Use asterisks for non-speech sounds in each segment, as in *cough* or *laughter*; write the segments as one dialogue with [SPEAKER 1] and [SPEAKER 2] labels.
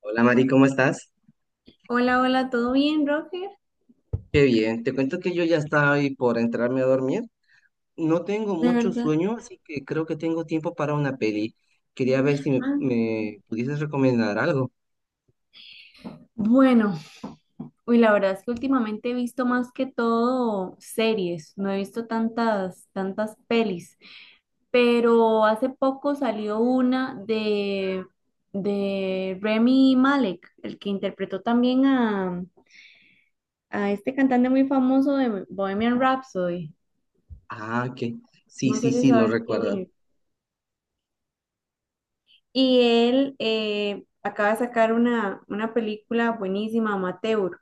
[SPEAKER 1] Hola Mari, ¿cómo estás?
[SPEAKER 2] Hola, hola, ¿todo bien, Roger?
[SPEAKER 1] Qué bien, te cuento que yo ya estaba ahí por entrarme a dormir. No tengo
[SPEAKER 2] De
[SPEAKER 1] mucho
[SPEAKER 2] verdad.
[SPEAKER 1] sueño, así que creo que tengo tiempo para una peli. Quería ver si me,
[SPEAKER 2] Ah,
[SPEAKER 1] me pudieses recomendar algo.
[SPEAKER 2] Bueno, la verdad es que últimamente he visto más que todo series, no he visto tantas pelis, pero hace poco salió de Remy Malek, el que interpretó también a este cantante muy famoso de Bohemian Rhapsody,
[SPEAKER 1] Ah, que sí,
[SPEAKER 2] no sé
[SPEAKER 1] sí,
[SPEAKER 2] si
[SPEAKER 1] sí, lo
[SPEAKER 2] sabes quién
[SPEAKER 1] recuerdo.
[SPEAKER 2] es. Y él acaba de sacar una película buenísima, Amateur.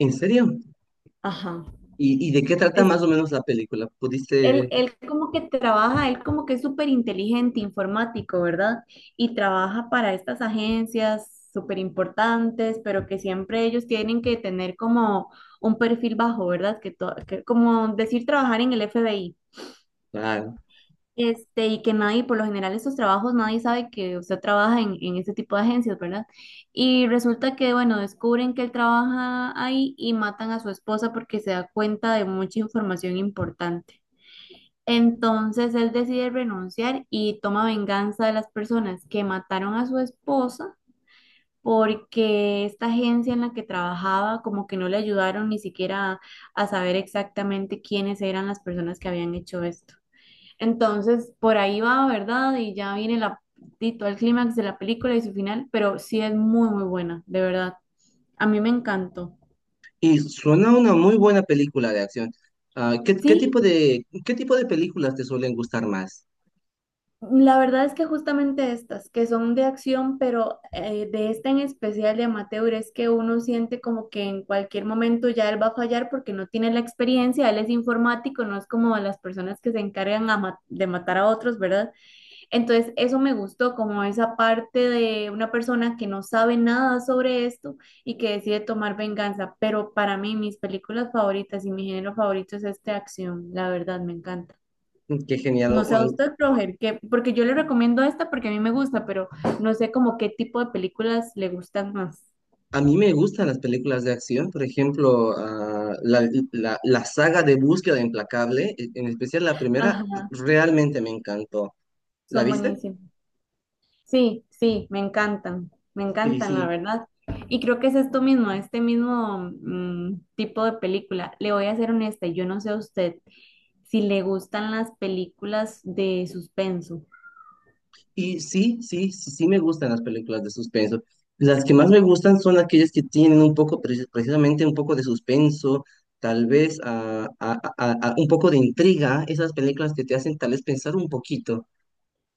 [SPEAKER 1] ¿En serio?
[SPEAKER 2] Ajá.
[SPEAKER 1] ¿Y de qué trata
[SPEAKER 2] Es,
[SPEAKER 1] más o menos la película? ¿Pudiste...?
[SPEAKER 2] él como que trabaja, él como que es súper inteligente, informático, ¿verdad? Y trabaja para estas agencias súper importantes, pero que siempre ellos tienen que tener como un perfil bajo, ¿verdad? Que, que como decir trabajar en el FBI.
[SPEAKER 1] Claro.
[SPEAKER 2] Y que nadie, por lo general, esos trabajos, nadie sabe que usted trabaja en este tipo de agencias, ¿verdad? Y resulta que, bueno, descubren que él trabaja ahí y matan a su esposa porque se da cuenta de mucha información importante. Entonces él decide renunciar y toma venganza de las personas que mataron a su esposa porque esta agencia en la que trabajaba como que no le ayudaron ni siquiera a saber exactamente quiénes eran las personas que habían hecho esto. Entonces por ahí va, ¿verdad? Y ya viene y todo el clímax de
[SPEAKER 1] Y suena una muy buena película de acción. Ah, ¿qué tipo de películas te suelen gustar más?
[SPEAKER 2] La verdad es que justamente estas, que son de acción, pero de esta en especial de amateur, es que uno siente como que en cualquier momento ya él va a fallar porque no tiene la experiencia, él es informático, no es como las personas que se encargan a de matar a otros, ¿verdad? Entonces, eso me gustó, como esa parte de una persona que no sabe nada sobre esto y que decide tomar venganza, pero para mí mis películas favoritas y mi género favorito es este de acción, la verdad, me encanta.
[SPEAKER 1] Qué
[SPEAKER 2] No sé a
[SPEAKER 1] genial.
[SPEAKER 2] usted, Roger, que, porque yo le recomiendo esta porque a mí me gusta, pero no sé como qué tipo de películas le gustan más.
[SPEAKER 1] A mí me gustan las películas de acción, por ejemplo, la saga de Búsqueda Implacable, en especial la primera,
[SPEAKER 2] Ajá,
[SPEAKER 1] realmente me encantó. ¿La
[SPEAKER 2] son
[SPEAKER 1] viste?
[SPEAKER 2] buenísimas. Sí, sí, me
[SPEAKER 1] Sí,
[SPEAKER 2] encantan, la
[SPEAKER 1] sí.
[SPEAKER 2] verdad. Y creo que es esto mismo, este mismo tipo de película. Le voy a ser honesta, yo no sé a usted si le gustan las películas de suspenso.
[SPEAKER 1] Y sí, sí, sí, sí me gustan las películas de suspenso. Las que más me gustan son aquellas que tienen un poco, precisamente un poco de suspenso, tal vez un poco de intriga, esas películas que te hacen tal vez pensar un poquito.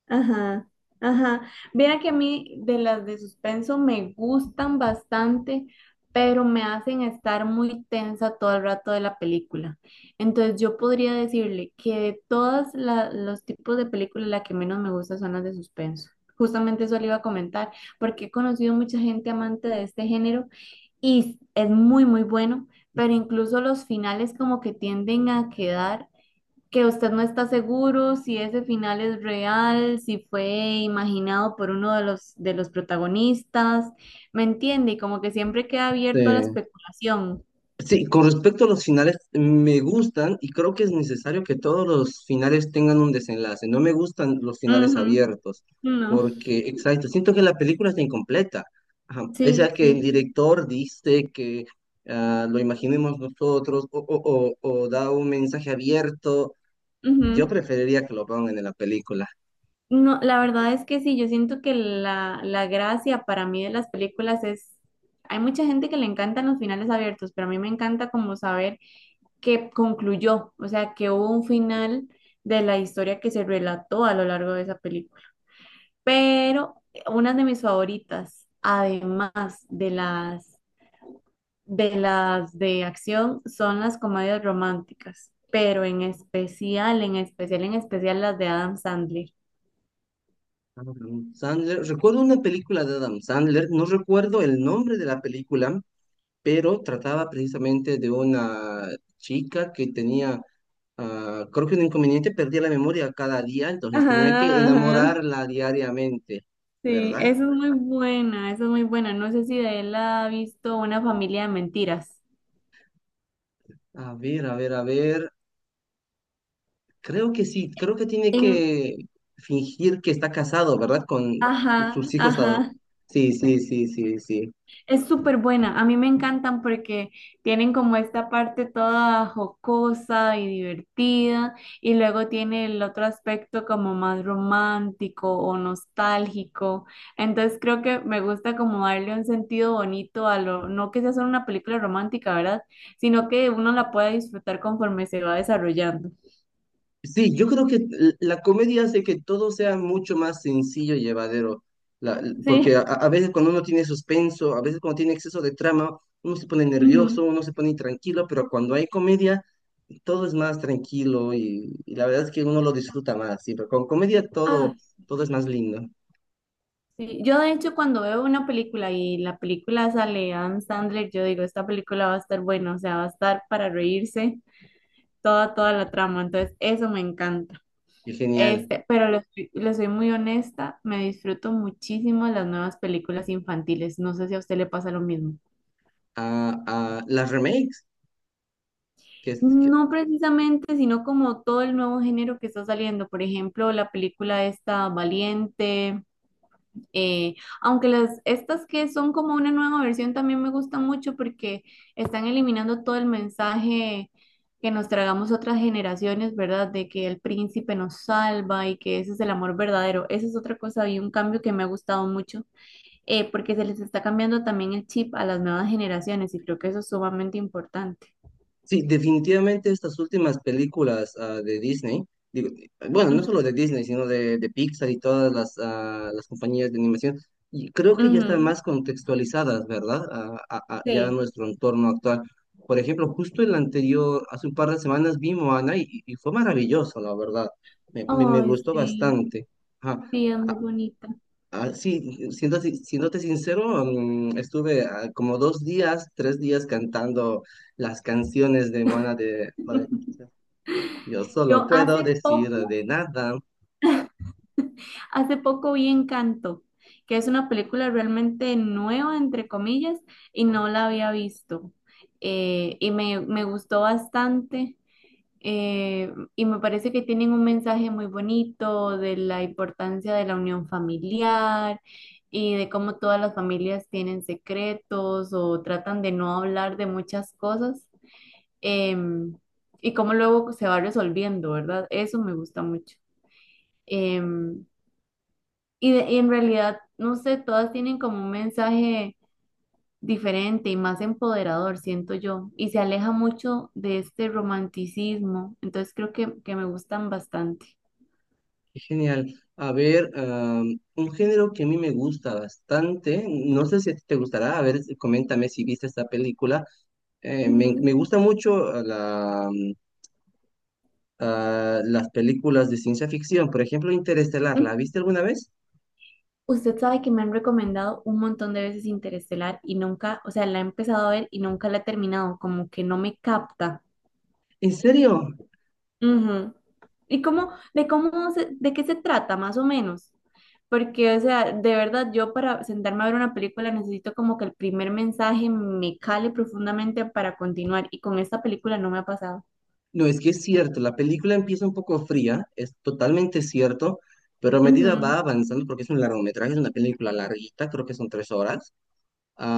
[SPEAKER 2] Ajá, ajá, vea que a mí de las de suspenso me gustan bastante, pero me hacen estar muy tensa todo el rato de la película. Entonces yo podría decirle que de todos los tipos de películas, la que menos me gusta son las de suspenso. Justamente eso le iba a comentar, porque he conocido mucha gente amante de este género y es muy, muy bueno, pero incluso los finales como que tienden a quedar que usted no está seguro si ese final es real, si fue imaginado por uno de de los protagonistas, ¿me entiende? Y como que siempre queda
[SPEAKER 1] Sí.
[SPEAKER 2] abierto a la especulación.
[SPEAKER 1] Sí, con respecto a los finales, me gustan y creo que es necesario que todos los finales tengan un desenlace. No me gustan los finales
[SPEAKER 2] Ujú.
[SPEAKER 1] abiertos,
[SPEAKER 2] No,
[SPEAKER 1] porque, exacto, siento que la película está incompleta. Ajá, pese
[SPEAKER 2] sí,
[SPEAKER 1] a que el
[SPEAKER 2] sí.
[SPEAKER 1] director dice que lo imaginemos nosotros o o da un mensaje abierto, yo
[SPEAKER 2] Ujú.
[SPEAKER 1] preferiría que lo pongan en la película.
[SPEAKER 2] No, la verdad es que sí, yo siento que la gracia para mí de las películas es, hay mucha gente que le encantan los finales abiertos, pero a mí me encanta como saber que concluyó, o sea, que hubo un final de la historia que se relató a lo largo de esa película. Pero una de mis favoritas, además de las de las de acción, son las comedias románticas, pero en especial, en especial, en especial las de Adam Sandler.
[SPEAKER 1] Adam Sandler, recuerdo una película de Adam Sandler, no recuerdo el nombre de la película, pero trataba precisamente de una chica que tenía, creo que un inconveniente, perdía la memoria cada día, entonces tenía que
[SPEAKER 2] Ajá, ajá.
[SPEAKER 1] enamorarla diariamente,
[SPEAKER 2] Sí, esa
[SPEAKER 1] ¿verdad?
[SPEAKER 2] es muy buena, esa es muy buena. No sé si de él ha visto Una familia de mentiras.
[SPEAKER 1] A ver, a ver, a ver, creo que sí, creo que tiene
[SPEAKER 2] En,
[SPEAKER 1] que fingir que está casado, ¿verdad? Con sus
[SPEAKER 2] ajá,
[SPEAKER 1] hijos.
[SPEAKER 2] ajá.
[SPEAKER 1] Sí, sí, sí, sí, sí.
[SPEAKER 2] Es súper buena, a mí me encantan porque tienen como esta parte toda jocosa y divertida y luego tiene el otro aspecto como más romántico o nostálgico. Entonces creo que me gusta como darle un sentido bonito a lo, no que sea solo una película romántica, ¿verdad? Sino que uno la pueda disfrutar conforme se va desarrollando.
[SPEAKER 1] Sí, yo creo que la comedia hace que todo sea mucho más sencillo y llevadero, porque
[SPEAKER 2] Sí.
[SPEAKER 1] a veces cuando uno tiene suspenso, a veces cuando tiene exceso de trama, uno se pone
[SPEAKER 2] *laughs* Ujú.
[SPEAKER 1] nervioso, uno se pone intranquilo, pero cuando hay comedia, todo es más tranquilo y la verdad es que uno lo disfruta más, sí, pero con comedia
[SPEAKER 2] Ah.
[SPEAKER 1] todo es más lindo
[SPEAKER 2] Sí, yo de hecho cuando veo una película y la película sale Adam Sandler, yo digo, esta película va a estar buena, o sea, va a estar para reírse toda, toda la trama, entonces eso me encanta.
[SPEAKER 1] y genial.
[SPEAKER 2] Este, pero les, les soy muy honesta, me disfruto muchísimo las nuevas películas infantiles, no sé si a usted le pasa lo mismo.
[SPEAKER 1] Ah, ah, las remakes, que,
[SPEAKER 2] No precisamente, sino como todo el nuevo género que está saliendo, por ejemplo, la película esta Valiente, Eh, aunque estas que son como una nueva versión también me gustan mucho porque están eliminando todo el mensaje que nos tragamos otras generaciones, ¿verdad? De que el príncipe nos salva y que ese es el amor verdadero. Esa es otra cosa y un cambio que me ha gustado mucho porque se les está cambiando también el chip a las nuevas generaciones y creo que eso es sumamente importante.
[SPEAKER 1] sí, definitivamente estas últimas películas de Disney, digo, bueno, no
[SPEAKER 2] Mm,
[SPEAKER 1] solo de Disney, sino de Pixar y todas las compañías de animación, y creo que ya están
[SPEAKER 2] ujú,
[SPEAKER 1] más contextualizadas, ¿verdad? Ya a
[SPEAKER 2] sí.
[SPEAKER 1] nuestro entorno actual. Por ejemplo, justo el
[SPEAKER 2] Sí.
[SPEAKER 1] anterior, hace un par de semanas vi Moana y fue maravilloso, la verdad. Me
[SPEAKER 2] Ay,
[SPEAKER 1] gustó
[SPEAKER 2] sí,
[SPEAKER 1] bastante. Ajá.
[SPEAKER 2] sí, es muy bonita.
[SPEAKER 1] Ah, sí, siendo, si- siéndote sincero, estuve como 2 días, 3 días cantando las canciones de Moana de... vale,
[SPEAKER 2] *laughs*
[SPEAKER 1] yo solo
[SPEAKER 2] Yo
[SPEAKER 1] puedo
[SPEAKER 2] hace
[SPEAKER 1] decir
[SPEAKER 2] poco,
[SPEAKER 1] de nada.
[SPEAKER 2] hace poco vi Encanto, que es una película realmente nueva, entre comillas, y no la había visto. Y me, me gustó bastante, y me parece que tienen un mensaje muy bonito de la importancia de la unión familiar y de cómo todas las familias tienen secretos o tratan de no hablar de muchas cosas, em, y cómo luego se va resolviendo, ¿verdad? Eso me gusta mucho. Em, y en realidad, no sé, todas tienen como un mensaje diferente y más empoderador, siento yo, y se aleja mucho de este romanticismo, entonces creo que me gustan bastante.
[SPEAKER 1] Qué genial. A ver, am, un género que a mí me gusta bastante, no sé si a ti te gustará, a ver, coméntame si viste esta película.
[SPEAKER 2] Ujú.
[SPEAKER 1] Me gusta mucho las películas de ciencia ficción, por ejemplo, Interestelar,
[SPEAKER 2] Mm.
[SPEAKER 1] ¿la viste alguna vez?
[SPEAKER 2] Usted sabe que me han recomendado un montón de veces Interestelar y nunca, o sea, la he empezado a ver y nunca la he terminado, como que no me capta.
[SPEAKER 1] ¿En serio?
[SPEAKER 2] Ujú. De ¿de qué se trata, más o menos? Porque, o sea, de verdad, yo para sentarme a ver una película necesito como que el primer mensaje me cale profundamente para continuar. Y con esta película no me ha pasado.
[SPEAKER 1] No, es que es cierto, la película empieza un poco fría, es totalmente cierto, pero a medida
[SPEAKER 2] Ujú,
[SPEAKER 1] va avanzando, porque es un largometraje, es una película larguita, creo que son 3 horas,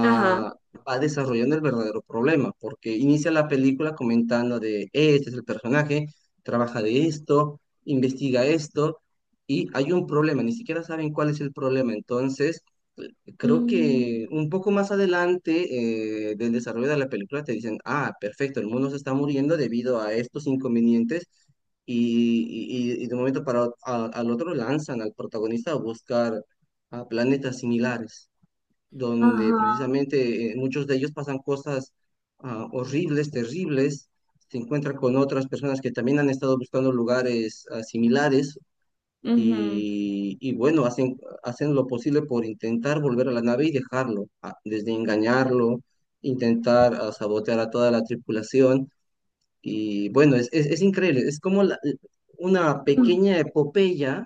[SPEAKER 2] ajá.
[SPEAKER 1] va desarrollando el verdadero problema, porque inicia la película comentando de, este es el personaje, trabaja de esto, investiga esto, y hay un problema, ni siquiera saben cuál es el problema". Entonces, creo que
[SPEAKER 2] Mm,
[SPEAKER 1] un poco más adelante del desarrollo de la película te dicen, ah, perfecto, el mundo se está muriendo debido a estos inconvenientes. Y, y de un momento para al otro lanzan al protagonista a buscar a planetas similares donde
[SPEAKER 2] ajá,
[SPEAKER 1] precisamente muchos de ellos pasan cosas horribles, terribles, se encuentran con otras personas que también han estado buscando lugares similares
[SPEAKER 2] ujú,
[SPEAKER 1] y bueno, hacen lo posible por intentar volver a la nave y dejarlo, desde engañarlo, intentar sabotear a toda la tripulación y bueno, es increíble, es como una
[SPEAKER 2] mm,
[SPEAKER 1] pequeña epopeya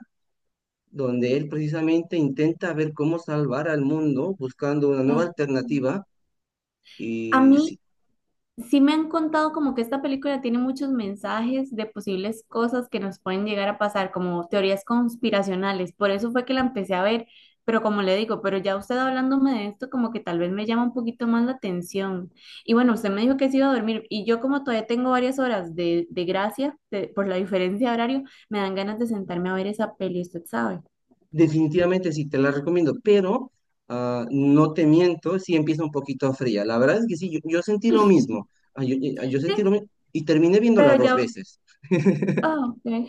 [SPEAKER 1] donde él precisamente intenta ver cómo salvar al mundo buscando una nueva
[SPEAKER 2] ah.
[SPEAKER 1] alternativa
[SPEAKER 2] A
[SPEAKER 1] y
[SPEAKER 2] mí,
[SPEAKER 1] sí,
[SPEAKER 2] sí me han contado como que esta película tiene muchos mensajes de posibles cosas que nos pueden llegar a pasar, como teorías conspiracionales. Por eso fue que la empecé a ver, pero como le digo, pero ya usted hablándome de esto, como que tal vez me llama un poquito más la atención. Y bueno, usted me dijo que se iba a dormir y yo como todavía tengo varias horas de gracia por la diferencia de horario, me dan ganas de sentarme a ver esa peli, usted sabe.
[SPEAKER 1] definitivamente sí, te la recomiendo, pero no te miento, sí empieza un poquito fría. La verdad es que sí, yo sentí lo mismo. Ah, yo sentí
[SPEAKER 2] Sí,
[SPEAKER 1] lo mismo y terminé viéndola
[SPEAKER 2] pero
[SPEAKER 1] dos
[SPEAKER 2] ya...
[SPEAKER 1] veces. *laughs*
[SPEAKER 2] ah, ok.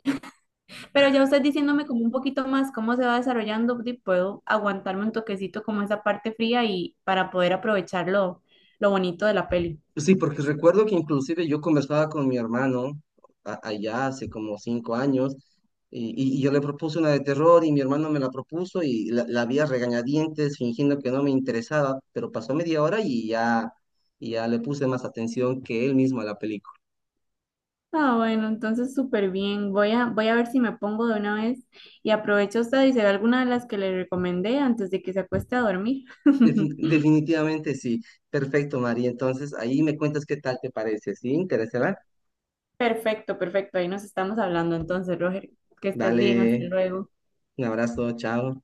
[SPEAKER 2] Pero ya usted diciéndome como un poquito más cómo se va desarrollando, di, puedo aguantarme un toquecito como esa parte fría y para poder aprovechar lo bonito de la peli.
[SPEAKER 1] Sí, porque recuerdo que inclusive yo conversaba con mi hermano allá hace como 5 años y yo le propuse una de terror y mi hermano me la propuso y la vi a regañadientes fingiendo que no me interesaba, pero pasó media hora y ya le puse más atención que él mismo a la película.
[SPEAKER 2] Ah, bueno, entonces súper bien. Voy a ver si me pongo de una vez y aprovecho usted y se ve alguna de las que le recomendé antes de que se acueste a dormir. *laughs*
[SPEAKER 1] Definitivamente sí. Perfecto, María. Entonces, ahí me cuentas qué tal te parece. ¿Sí? ¿Interesará?
[SPEAKER 2] Perfecto, perfecto. Ahí nos estamos hablando entonces, Roger. Que estés bien, hasta
[SPEAKER 1] Dale,
[SPEAKER 2] luego.
[SPEAKER 1] un abrazo, chao.